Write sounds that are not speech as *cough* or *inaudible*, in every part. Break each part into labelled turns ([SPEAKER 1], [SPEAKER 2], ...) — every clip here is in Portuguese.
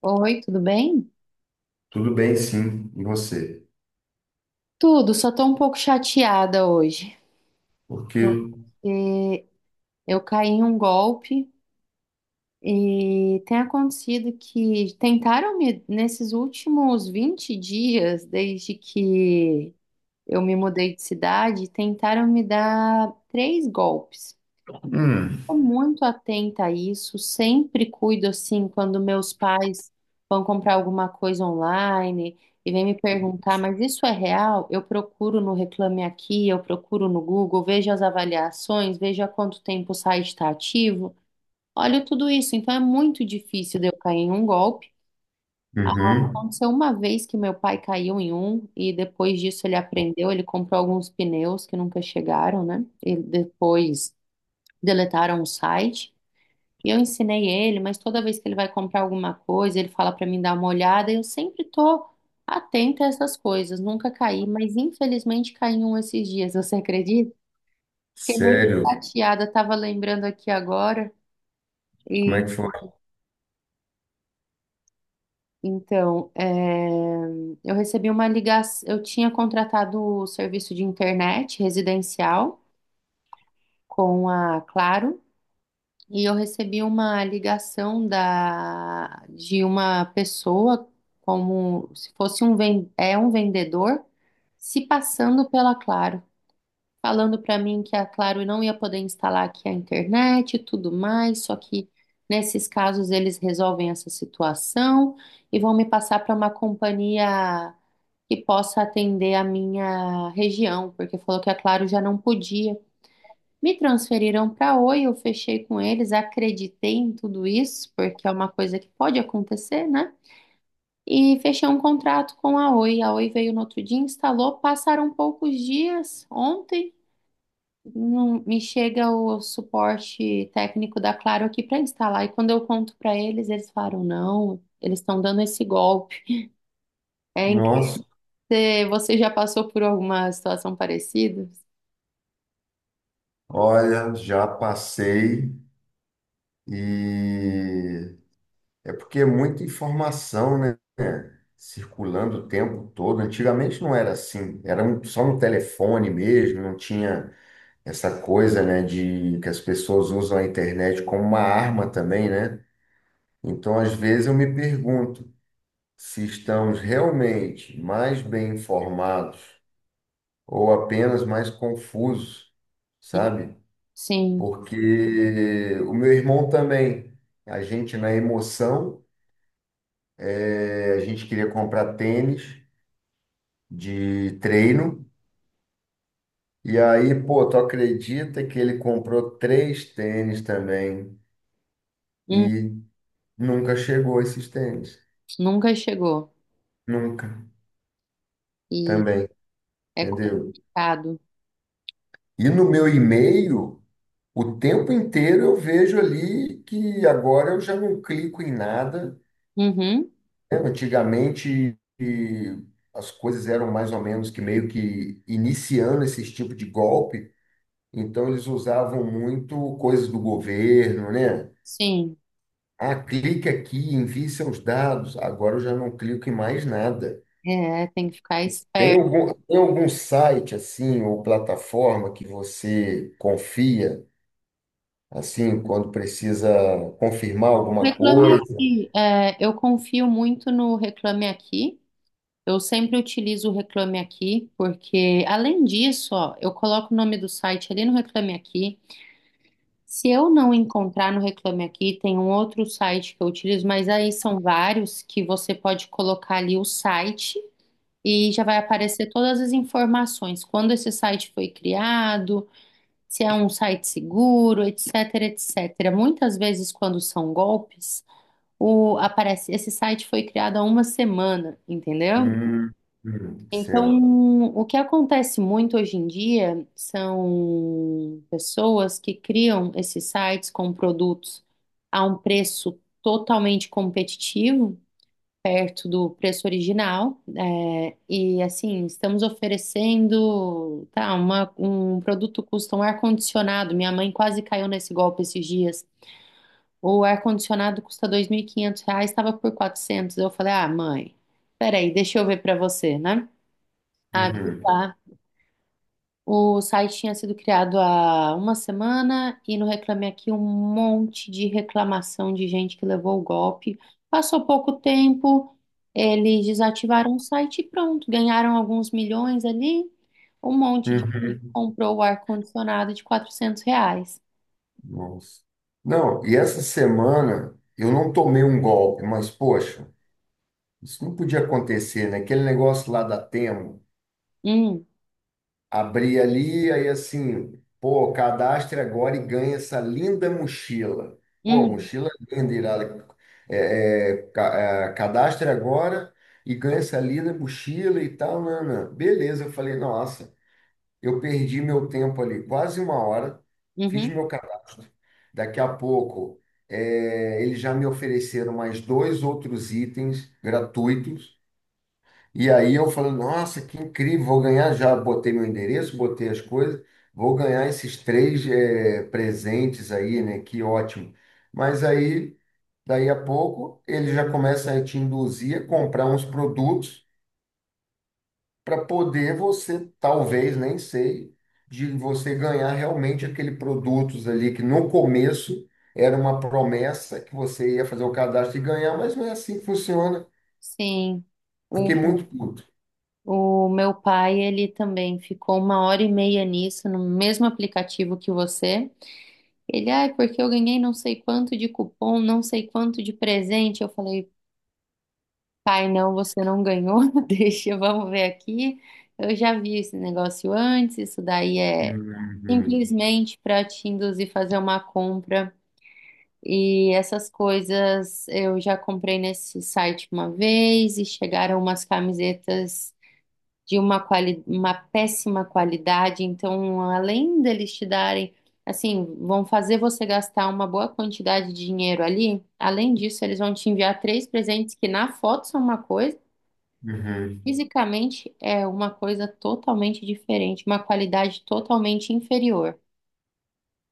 [SPEAKER 1] Oi, tudo bem?
[SPEAKER 2] Tudo bem, sim. E você?
[SPEAKER 1] Tudo, só tô um pouco chateada hoje.
[SPEAKER 2] Por quê?
[SPEAKER 1] Eu caí em um golpe e tem acontecido que nesses últimos 20 dias, desde que eu me mudei de cidade, tentaram me dar três golpes.
[SPEAKER 2] Hum.
[SPEAKER 1] Estou muito atenta a isso, sempre cuido assim quando meus pais vão comprar alguma coisa online e vêm me perguntar, mas isso é real? Eu procuro no Reclame Aqui, eu procuro no Google, vejo as avaliações, vejo há quanto tempo o site está ativo, olho tudo isso, então é muito difícil de eu cair em um golpe.
[SPEAKER 2] Uhum.
[SPEAKER 1] Aconteceu uma vez que meu pai caiu em um e depois disso ele aprendeu, ele comprou alguns pneus que nunca chegaram, né? E depois deletaram o site. E eu ensinei ele, mas toda vez que ele vai comprar alguma coisa, ele fala para mim dar uma olhada, e eu sempre tô atenta a essas coisas, nunca caí, mas infelizmente caí em um esses dias, *laughs* você acredita? Fiquei meio
[SPEAKER 2] Sério?
[SPEAKER 1] chateada, tava lembrando aqui agora.
[SPEAKER 2] Como é
[SPEAKER 1] E
[SPEAKER 2] que foi?
[SPEAKER 1] então, eu recebi uma ligação, eu tinha contratado o serviço de internet residencial com a Claro. E eu recebi uma ligação de uma pessoa, como se fosse é um vendedor, se passando pela Claro, falando para mim que a Claro não ia poder instalar aqui a internet e tudo mais, só que nesses casos eles resolvem essa situação e vão me passar para uma companhia que possa atender a minha região, porque falou que a Claro já não podia. Me transferiram para Oi, eu fechei com eles, acreditei em tudo isso, porque é uma coisa que pode acontecer, né? E fechei um contrato com a Oi. A Oi veio no outro dia, instalou, passaram poucos dias. Ontem me chega o suporte técnico da Claro aqui para instalar. E quando eu conto para eles, eles falaram: não, eles estão dando esse golpe. É incrível.
[SPEAKER 2] Nossa,
[SPEAKER 1] Você já passou por alguma situação parecida?
[SPEAKER 2] olha, já passei e é porque é muita informação, né? Circulando o tempo todo. Antigamente não era assim, só um telefone mesmo, não tinha essa coisa, né, de que as pessoas usam a internet como uma arma também, né? Então, às vezes eu me pergunto se estamos realmente mais bem informados ou apenas mais confusos,
[SPEAKER 1] Hum.
[SPEAKER 2] sabe?
[SPEAKER 1] Sim.
[SPEAKER 2] Porque o meu irmão também, a gente na emoção, a gente queria comprar tênis de treino, e aí, pô, tu acredita que ele comprou três tênis também
[SPEAKER 1] Hum.
[SPEAKER 2] e nunca chegou esses tênis?
[SPEAKER 1] Nunca chegou.
[SPEAKER 2] Nunca,
[SPEAKER 1] E
[SPEAKER 2] também,
[SPEAKER 1] é
[SPEAKER 2] entendeu?
[SPEAKER 1] complicado.
[SPEAKER 2] E no meu e-mail. O tempo inteiro eu vejo ali que agora eu já não clico em nada.
[SPEAKER 1] Uhum,
[SPEAKER 2] Né? Antigamente e as coisas eram mais ou menos que meio que iniciando esse tipo de golpe, então eles usavam muito coisas do governo, né?
[SPEAKER 1] sim,
[SPEAKER 2] Ah, clique aqui, envie seus dados. Agora eu já não clico em mais nada.
[SPEAKER 1] é, tem que ficar
[SPEAKER 2] Tem
[SPEAKER 1] esperto.
[SPEAKER 2] algum, tem algum site assim ou plataforma que você confia assim quando precisa confirmar alguma
[SPEAKER 1] Reclame
[SPEAKER 2] coisa?
[SPEAKER 1] Aqui, é, eu confio muito no Reclame Aqui. Eu sempre utilizo o Reclame Aqui, porque além disso, ó, eu coloco o nome do site ali no Reclame Aqui. Se eu não encontrar no Reclame Aqui, tem um outro site que eu utilizo, mas aí são vários que você pode colocar ali o site e já vai aparecer todas as informações, quando esse site foi criado, se é um site seguro, etc, etc. Muitas vezes, quando são golpes, aparece, esse site foi criado há uma semana, entendeu?
[SPEAKER 2] Hum, certo.
[SPEAKER 1] Então, o que acontece muito hoje em dia são pessoas que criam esses sites com produtos a um preço totalmente competitivo, perto do preço original, é, e assim, estamos oferecendo, tá, um produto custa um ar-condicionado, minha mãe quase caiu nesse golpe esses dias, o ar-condicionado custa R$ 2.500, estava por 400. Eu falei, ah, mãe, peraí, deixa eu ver para você, né? Ah,
[SPEAKER 2] Uhum,
[SPEAKER 1] o site tinha sido criado há uma semana e no Reclame Aqui um monte de reclamação de gente que levou o golpe. Passou pouco tempo, eles desativaram o site e pronto, ganharam alguns milhões ali. Um monte de gente
[SPEAKER 2] uhum.
[SPEAKER 1] comprou o ar-condicionado de R$ 400.
[SPEAKER 2] Nossa. Não, e essa semana eu não tomei um golpe, mas poxa, isso não podia acontecer, né? Aquele negócio lá da Temo,
[SPEAKER 1] Hum,
[SPEAKER 2] abri ali, aí assim, pô, cadastre agora e ganha essa linda mochila. Pô,
[SPEAKER 1] hum,
[SPEAKER 2] mochila linda, irada. É, é, ca- é, cadastre agora e ganha essa linda mochila e tal, Nana. Beleza, eu falei, nossa. Eu perdi meu tempo ali, quase uma hora, fiz
[SPEAKER 1] uhum,
[SPEAKER 2] meu cadastro. Daqui a pouco, eles já me ofereceram mais dois outros itens gratuitos. E aí eu falei, nossa, que incrível, vou ganhar. Já botei meu endereço, botei as coisas, vou ganhar esses três, presentes aí, né? Que ótimo. Mas aí, daí a pouco, eles já começam a te induzir a comprar uns produtos para poder você, talvez, nem sei, de você ganhar realmente aquele produtos ali que no começo era uma promessa que você ia fazer o cadastro e ganhar, mas não é assim que funciona.
[SPEAKER 1] sim. O,
[SPEAKER 2] Fiquei muito puto.
[SPEAKER 1] o meu pai, ele também ficou uma hora e meia nisso, no mesmo aplicativo que você. Ele, ai, porque eu ganhei não sei quanto de cupom, não sei quanto de presente. Eu falei, pai, não, você não ganhou, *laughs* deixa, vamos ver aqui. Eu já vi esse negócio antes, isso daí é
[SPEAKER 2] Uhum,
[SPEAKER 1] simplesmente para te induzir a fazer uma compra. E essas coisas eu já comprei nesse site uma vez e chegaram umas camisetas de uma péssima qualidade. Então, além deles te darem, assim, vão fazer você gastar uma boa quantidade de dinheiro ali, além disso, eles vão te enviar três presentes que na foto são uma coisa,
[SPEAKER 2] uhum.
[SPEAKER 1] fisicamente é uma coisa totalmente diferente, uma qualidade totalmente inferior.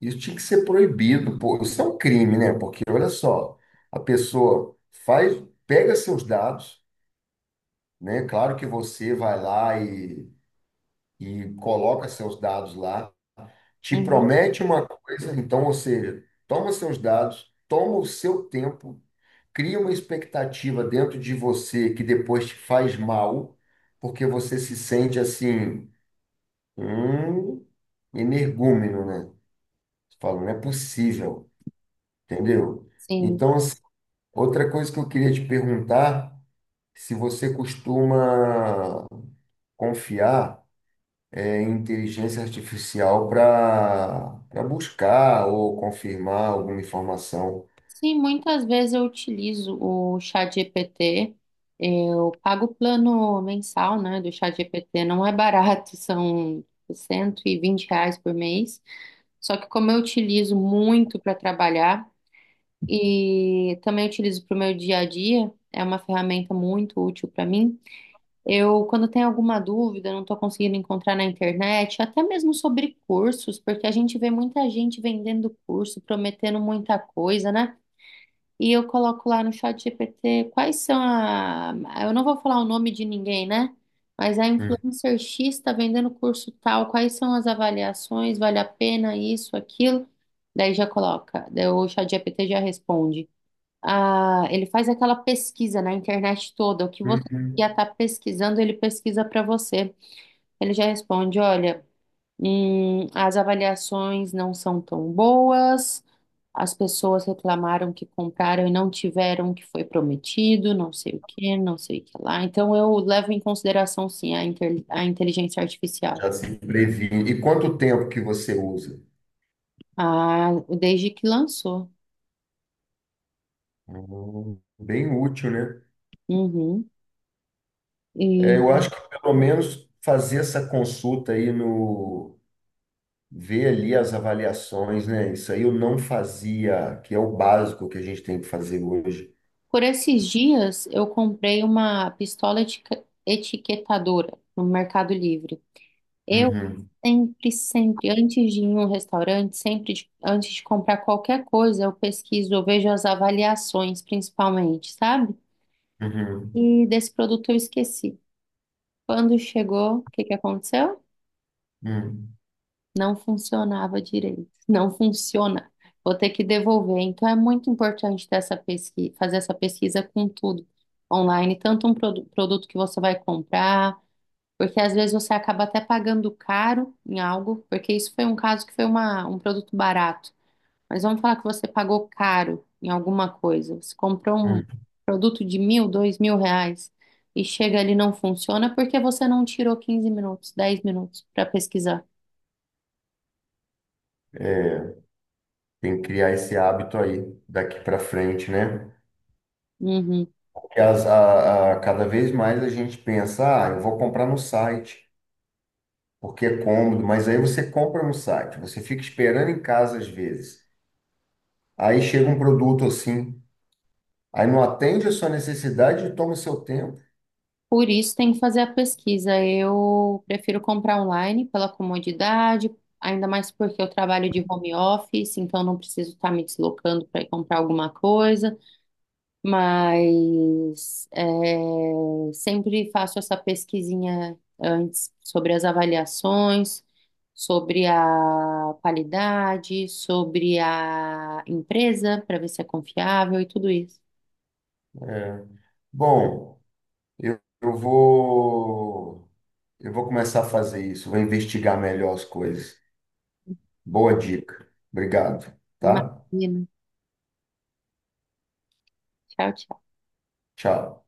[SPEAKER 2] Isso tinha que ser proibido, pô. Isso é um crime, né? Porque olha só, a pessoa faz, pega seus dados, né? Claro que você vai lá e coloca seus dados lá, te
[SPEAKER 1] Uhum.
[SPEAKER 2] promete uma coisa, então, ou seja, toma seus dados, toma o seu tempo, cria uma expectativa dentro de você que depois te faz mal, porque você se sente assim, um energúmeno, né? Você fala, não é possível, entendeu?
[SPEAKER 1] Sim.
[SPEAKER 2] Então, assim, outra coisa que eu queria te perguntar, se você costuma confiar é, inteligência artificial para buscar ou confirmar alguma informação.
[SPEAKER 1] Sim, muitas vezes eu utilizo o ChatGPT. Eu pago o plano mensal, né, do ChatGPT. Não é barato, *laughs* são R$ 120 por mês. Só que como eu utilizo muito para trabalhar e também utilizo para o meu dia a dia, é uma ferramenta muito útil para mim. Eu, quando tenho alguma dúvida, não estou conseguindo encontrar na internet, até mesmo sobre cursos, porque a gente vê muita gente vendendo curso, prometendo muita coisa, né? E eu coloco lá no Chat GPT quais são a. Eu não vou falar o nome de ninguém, né? Mas a
[SPEAKER 2] Hum.
[SPEAKER 1] influencer X está vendendo curso tal, quais são as avaliações, vale a pena isso, aquilo? Daí já coloca, daí o Chat GPT já responde. Ah, ele faz aquela pesquisa na internet toda, o que você
[SPEAKER 2] Uhum.
[SPEAKER 1] já está pesquisando, ele pesquisa para você. Ele já responde, olha. As avaliações não são tão boas. As pessoas reclamaram que compraram e não tiveram o que foi prometido, não sei o que, não sei o que lá. Então eu levo em consideração sim a inteligência artificial,
[SPEAKER 2] Já se previne. E quanto tempo que você usa?
[SPEAKER 1] a- desde que lançou.
[SPEAKER 2] Bem útil, né?
[SPEAKER 1] Uhum. E
[SPEAKER 2] É, eu acho que pelo menos fazer essa consulta aí no. Ver ali as avaliações, né? Isso aí eu não fazia, que é o básico que a gente tem que fazer hoje.
[SPEAKER 1] por esses dias eu comprei uma pistola etiquetadora no Mercado Livre. Eu
[SPEAKER 2] Uhum,
[SPEAKER 1] sempre, sempre, antes de ir em um restaurante, sempre antes de comprar qualquer coisa, eu pesquiso, eu vejo as avaliações, principalmente, sabe?
[SPEAKER 2] uhum,
[SPEAKER 1] E desse produto eu esqueci. Quando chegou, o que que aconteceu?
[SPEAKER 2] uhum.
[SPEAKER 1] Não funcionava direito. *laughs* Não funciona. Vou ter que devolver. Então é muito importante ter essa pesquisa, fazer essa pesquisa com tudo online, tanto um produto que você vai comprar. Porque às vezes você acaba até pagando caro em algo, porque isso foi um caso que foi um produto barato. Mas vamos falar que você pagou caro em alguma coisa. Você comprou um produto de 1.000, R$ 2.000 e chega ali e não funciona porque você não tirou 15 minutos, 10 minutos para pesquisar.
[SPEAKER 2] É, tem que criar esse hábito aí daqui para frente, né?
[SPEAKER 1] Uhum.
[SPEAKER 2] Que cada vez mais a gente pensa, ah, eu vou comprar no site, porque é cômodo, mas aí você compra no site, você fica esperando em casa às vezes. Aí chega um produto assim, aí não atende a sua necessidade e toma o seu tempo.
[SPEAKER 1] Por isso tem que fazer a pesquisa. Eu prefiro comprar online pela comodidade, ainda mais porque eu trabalho de home office, então não preciso estar me deslocando para ir comprar alguma coisa. Mas é, sempre faço essa pesquisinha antes sobre as avaliações, sobre a qualidade, sobre a empresa, para ver se é confiável e tudo isso.
[SPEAKER 2] Bom, eu, eu vou eu vou começar a fazer isso, vou investigar melhor as coisas. Boa dica. Obrigado, tá?
[SPEAKER 1] Imagina. Tchau, tchau.
[SPEAKER 2] Tchau.